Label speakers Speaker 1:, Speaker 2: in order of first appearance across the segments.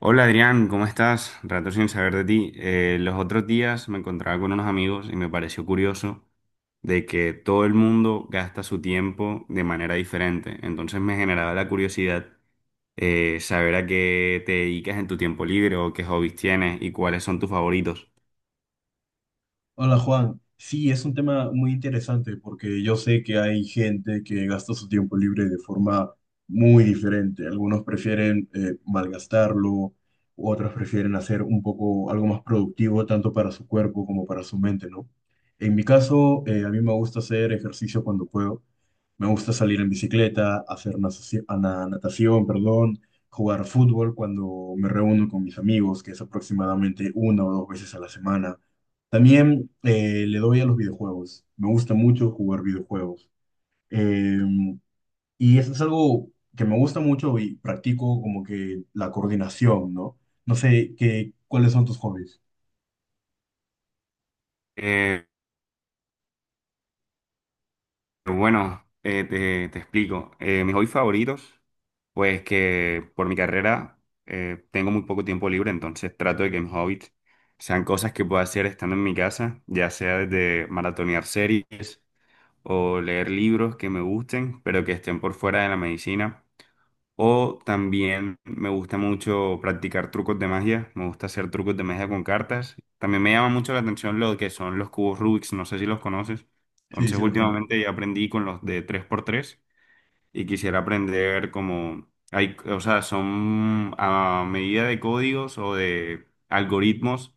Speaker 1: Hola Adrián, ¿cómo estás? Rato sin saber de ti. Los otros días me encontraba con unos amigos y me pareció curioso de que todo el mundo gasta su tiempo de manera diferente. Entonces me generaba la curiosidad saber a qué te dedicas en tu tiempo libre o qué hobbies tienes y cuáles son tus favoritos.
Speaker 2: Hola Juan, sí, es un tema muy interesante porque yo sé que hay gente que gasta su tiempo libre de forma muy diferente. Algunos prefieren malgastarlo, otros prefieren hacer un poco algo más productivo tanto para su cuerpo como para su mente, ¿no? En mi caso, a mí me gusta hacer ejercicio cuando puedo. Me gusta salir en bicicleta, hacer natación, perdón, jugar fútbol cuando me reúno con mis amigos, que es aproximadamente una o dos veces a la semana. También le doy a los videojuegos. Me gusta mucho jugar videojuegos. Eh, y eso es algo que me gusta mucho y practico como que la coordinación, ¿no? ¿Cuáles son tus hobbies?
Speaker 1: Eh, bueno, te explico. Mis hobbies favoritos, pues que por mi carrera tengo muy poco tiempo libre, entonces trato de que mis hobbies sean cosas que pueda hacer estando en mi casa, ya sea desde maratonear series o leer libros que me gusten, pero que estén por fuera de la medicina. O también me gusta mucho practicar trucos de magia, me gusta hacer trucos de magia con cartas. También me llama mucho la atención lo que son los cubos Rubik, no sé si los conoces.
Speaker 2: Sí,
Speaker 1: Entonces
Speaker 2: sí los conozco.
Speaker 1: últimamente ya aprendí con los de 3x3 y quisiera aprender como hay, o sea, son a medida de códigos o de algoritmos,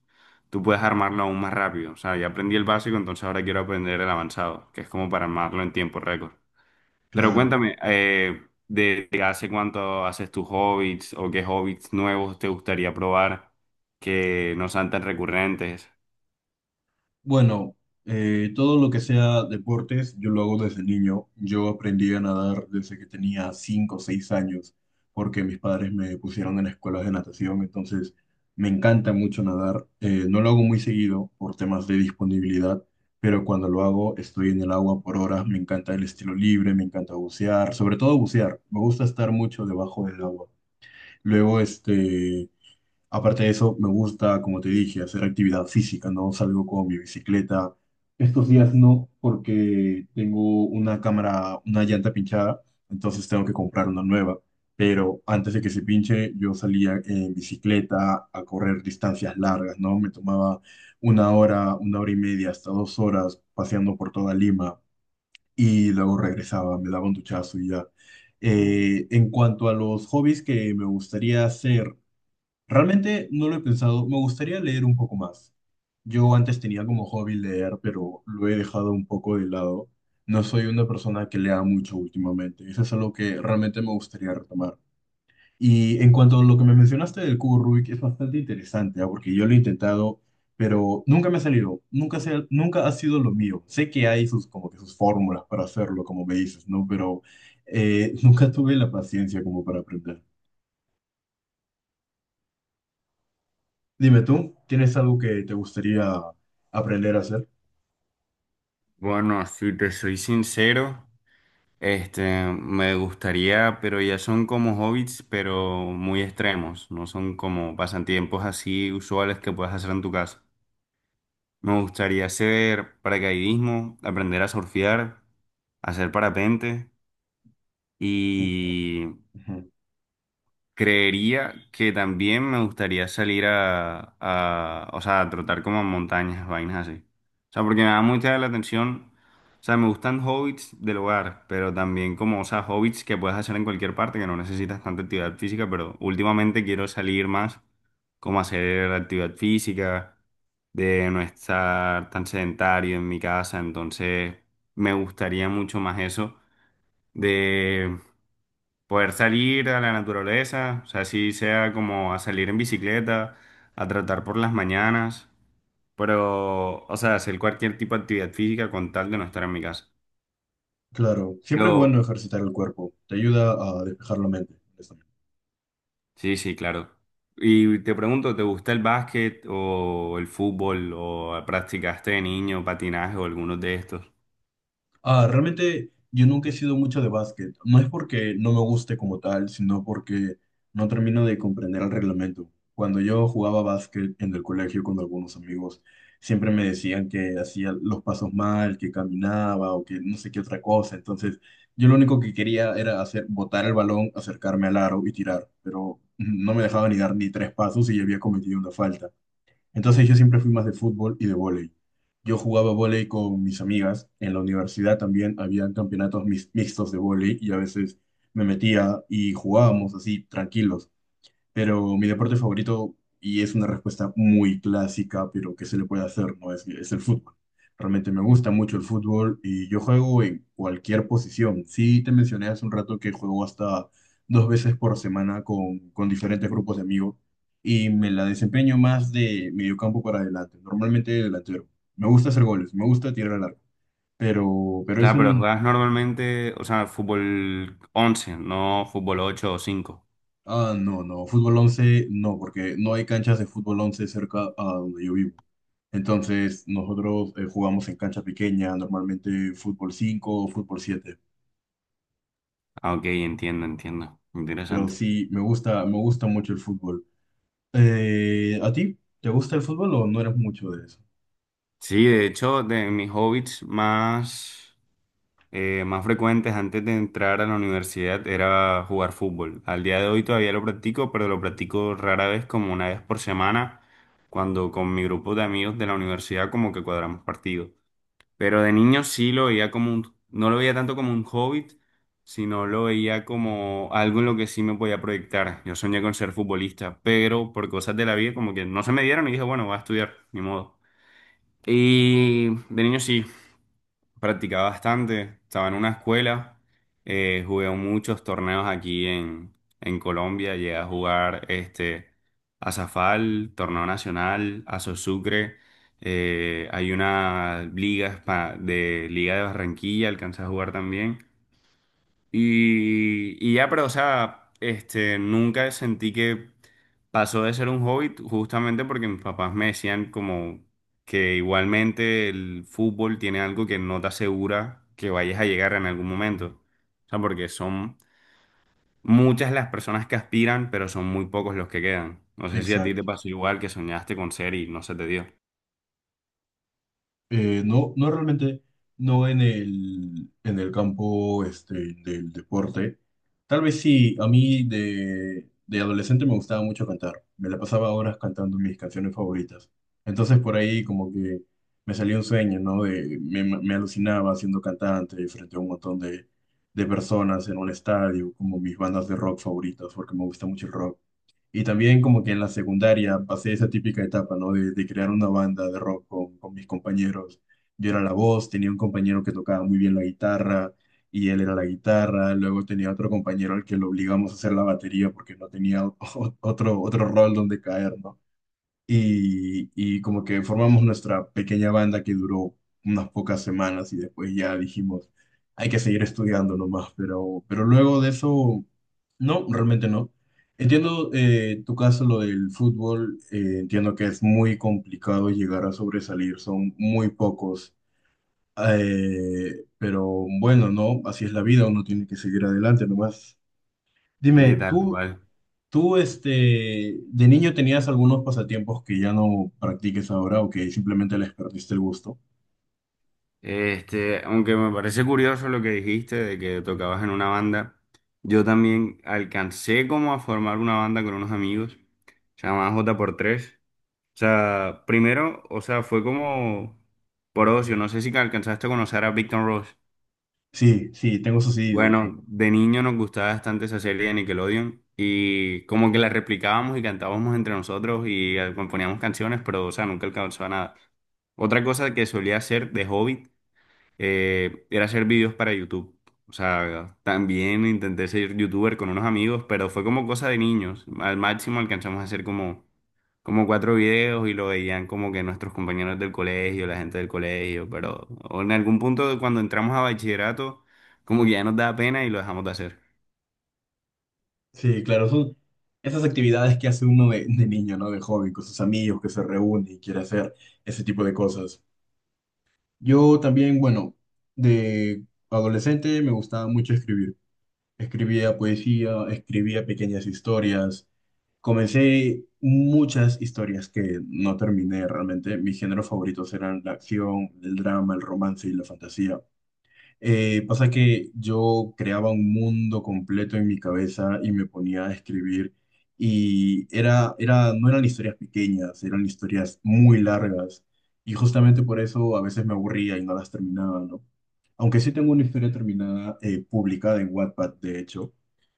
Speaker 1: tú puedes armarlo aún más rápido. O sea, ya aprendí el básico, entonces ahora quiero aprender el avanzado, que es como para armarlo en tiempo récord. Pero
Speaker 2: Claro.
Speaker 1: cuéntame, de hace cuánto haces tus hobbits o qué hobbits nuevos te gustaría probar que no sean tan recurrentes.
Speaker 2: Bueno, todo lo que sea deportes, yo lo hago desde niño. Yo aprendí a nadar desde que tenía 5 o 6 años, porque mis padres me pusieron en escuelas de natación, entonces me encanta mucho nadar. No lo hago muy seguido por temas de disponibilidad, pero cuando lo hago estoy en el agua por horas, me encanta el estilo libre, me encanta bucear, sobre todo bucear, me gusta estar mucho debajo del agua. Luego, este... Aparte de eso, me gusta, como te dije, hacer actividad física, ¿no? Salgo con mi bicicleta. Estos días no, porque tengo una cámara, una llanta pinchada, entonces tengo que comprar una nueva. Pero antes de que se pinche, yo salía en bicicleta a correr distancias largas, ¿no? Me tomaba una hora y media, hasta 2 horas paseando por toda Lima y luego regresaba, me daba un duchazo y ya. En cuanto a los hobbies que me gustaría hacer, realmente no lo he pensado, me gustaría leer un poco más. Yo antes tenía como hobby leer, pero lo he dejado un poco de lado. No soy una persona que lea mucho últimamente. Eso es algo que realmente me gustaría retomar. Y en cuanto a lo que me mencionaste del cubo Rubik, es bastante interesante, ¿ah? Porque yo lo he intentado, pero nunca me ha salido. Nunca, nunca ha sido lo mío. Sé que hay sus, como que sus fórmulas para hacerlo, como me dices, ¿no? Pero nunca tuve la paciencia como para aprender. Dime tú, ¿tienes algo que te gustaría aprender a hacer?
Speaker 1: Bueno, si te soy sincero. Este, me gustaría, pero ya son como hobbits, pero muy extremos, no son como pasatiempos así usuales que puedas hacer en tu casa. Me gustaría hacer paracaidismo, aprender a surfear, hacer parapente y
Speaker 2: Ujú.
Speaker 1: creería que también me gustaría salir a, o sea, a trotar como en montañas, vainas así. O sea, porque me da mucha la atención. O sea, me gustan hobbits del hogar, pero también como, o sea, hobbits que puedes hacer en cualquier parte, que no necesitas tanta actividad física, pero últimamente quiero salir más, como a hacer actividad física, de no estar tan sedentario en mi casa, entonces me gustaría mucho más eso, poder salir a la naturaleza, o sea, así sea como a salir en bicicleta, a tratar por las mañanas, pero, o sea, hacer cualquier tipo de actividad física con tal de no estar en mi casa.
Speaker 2: Claro, siempre es bueno
Speaker 1: Pero,
Speaker 2: ejercitar el cuerpo, te ayuda a despejar la mente.
Speaker 1: sí, sí, claro. Y te pregunto, ¿te gusta el básquet o el fútbol o practicaste de niño patinaje o algunos de estos?
Speaker 2: Ah, realmente yo nunca he sido mucho de básquet. No es porque no me guste como tal, sino porque no termino de comprender el reglamento. Cuando yo jugaba básquet en el colegio con algunos amigos, siempre me decían que hacía los pasos mal, que caminaba o que no sé qué otra cosa. Entonces, yo lo único que quería era hacer, botar el balón, acercarme al aro y tirar, pero no me dejaba ni dar ni tres pasos y ya había cometido una falta. Entonces yo siempre fui más de fútbol y de vóley. Yo jugaba vóley con mis amigas. En la universidad también había campeonatos mixtos de vóley y a veces me metía y jugábamos así tranquilos. Pero mi deporte favorito, y es una respuesta muy clásica, pero que se le puede hacer, ¿no? Es el fútbol. Realmente me gusta mucho el fútbol y yo juego en cualquier posición. Sí, te mencioné hace un rato que juego hasta dos veces por semana con diferentes grupos de amigos y me la desempeño más de mediocampo para adelante, normalmente delantero. Me gusta hacer goles, me gusta tirar al arco, pero,
Speaker 1: O
Speaker 2: pero es
Speaker 1: sea, pero
Speaker 2: un...
Speaker 1: juegas normalmente, o sea, fútbol 11, no fútbol 8 o 5.
Speaker 2: Ah, no, no, fútbol 11 no, porque no hay canchas de fútbol 11 cerca a donde yo vivo. Entonces, nosotros jugamos en cancha pequeña, normalmente fútbol 5 o fútbol siete.
Speaker 1: Ah, ok, entiendo, entiendo.
Speaker 2: Pero
Speaker 1: Interesante.
Speaker 2: sí, me gusta mucho el fútbol. ¿A ti? ¿Te gusta el fútbol o no eres mucho de eso?
Speaker 1: Sí, de hecho, de mis hobbies más, más frecuentes antes de entrar a la universidad era jugar fútbol. Al día de hoy todavía lo practico, pero lo practico rara vez, como una vez por semana, cuando con mi grupo de amigos de la universidad como que cuadramos partidos. Pero de niño sí lo veía como un, no lo veía tanto como un hobby, sino lo veía como algo en lo que sí me podía proyectar. Yo soñé con ser futbolista, pero por cosas de la vida como que no se me dieron y dije, bueno, voy a estudiar, ni modo. Y de niño sí, practicaba bastante. Estaba en una escuela, jugué muchos torneos aquí en Colombia. Llegué a jugar este, a Zafal, torneo nacional, a Sosúcre. Hay una liga de Liga de Barranquilla, alcancé a jugar también. Y ya, pero, o sea, este, nunca sentí que pasó de ser un hobby, justamente porque mis papás me decían como que igualmente el fútbol tiene algo que no te asegura que vayas a llegar en algún momento. O sea, porque son muchas las personas que aspiran, pero son muy pocos los que quedan. No sé si a ti te
Speaker 2: Exacto.
Speaker 1: pasó igual, que soñaste con ser y no se te dio.
Speaker 2: No, no realmente, no en el campo este, del deporte. Tal vez sí, a mí de adolescente me gustaba mucho cantar. Me la pasaba horas cantando mis canciones favoritas. Entonces por ahí como que me salía un sueño, ¿no? Me alucinaba siendo cantante frente a un montón de personas en un estadio, como mis bandas de rock favoritas, porque me gusta mucho el rock. Y también como que en la secundaria pasé esa típica etapa, ¿no? De crear una banda de rock con mis compañeros. Yo era la voz, tenía un compañero que tocaba muy bien la guitarra y él era la guitarra. Luego tenía otro compañero al que lo obligamos a hacer la batería porque no tenía otro rol donde caer, ¿no? Y como que formamos nuestra pequeña banda que duró unas pocas semanas y después ya dijimos, hay que seguir estudiando nomás, pero luego de eso, no, realmente no. Entiendo tu caso, lo del fútbol, entiendo que es muy complicado llegar a sobresalir, son muy pocos. Pero bueno, no, así es la vida, uno tiene que seguir adelante nomás.
Speaker 1: Sí,
Speaker 2: Dime,
Speaker 1: tal
Speaker 2: ¿tú
Speaker 1: cual.
Speaker 2: ¿Tú, de niño tenías algunos pasatiempos que ya no practiques ahora o que simplemente les perdiste el gusto?
Speaker 1: Este, aunque me parece curioso lo que dijiste de que tocabas en una banda, yo también alcancé como a formar una banda con unos amigos, se llamaba J x 3. O sea, primero, o sea, fue como por ocio, no sé si alcanzaste a conocer a Victor Ross.
Speaker 2: Sí, sí, tengo eso sí, de hecho.
Speaker 1: Bueno, de niño nos gustaba bastante esa serie de Nickelodeon y como que la replicábamos y cantábamos entre nosotros y componíamos canciones, pero o sea, nunca alcanzó a nada. Otra cosa que solía hacer de hobby, era hacer vídeos para YouTube. O sea, también intenté ser youtuber con unos amigos, pero fue como cosa de niños. Al máximo alcanzamos a hacer como, como cuatro videos y lo veían como que nuestros compañeros del colegio, la gente del colegio, pero o en algún punto cuando entramos a bachillerato, como que ya nos da pena y lo dejamos de hacer.
Speaker 2: Sí, claro, son esas actividades que hace uno de niño, ¿no? De joven, con sus amigos que se reúne y quiere hacer ese tipo de cosas. Yo también, bueno, de adolescente me gustaba mucho escribir. Escribía poesía, escribía pequeñas historias. Comencé muchas historias que no terminé realmente. Mis géneros favoritos eran la acción, el drama, el romance y la fantasía. Pasa que yo creaba un mundo completo en mi cabeza y me ponía a escribir y no eran historias pequeñas, eran historias muy largas y justamente por eso a veces me aburría y no las terminaba, ¿no? Aunque sí tengo una historia terminada publicada en Wattpad, de hecho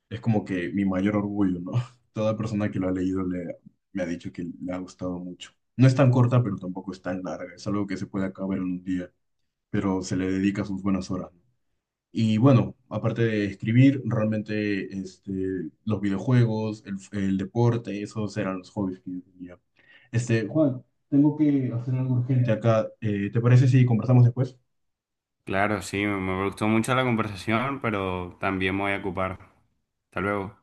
Speaker 2: es como que mi mayor orgullo, ¿no? Toda persona que lo ha leído le, me ha dicho que le ha gustado mucho. No es tan corta, pero tampoco es tan larga. Es algo que se puede acabar en un día, pero se le dedica sus buenas horas, ¿no? Y bueno, aparte de escribir, realmente este, los videojuegos, el deporte, esos eran los hobbies que yo tenía. Este, Juan, tengo que hacer algo urgente acá. ¿Te parece si conversamos después?
Speaker 1: Claro, sí, me gustó mucho la conversación, pero también me voy a ocupar. Hasta luego.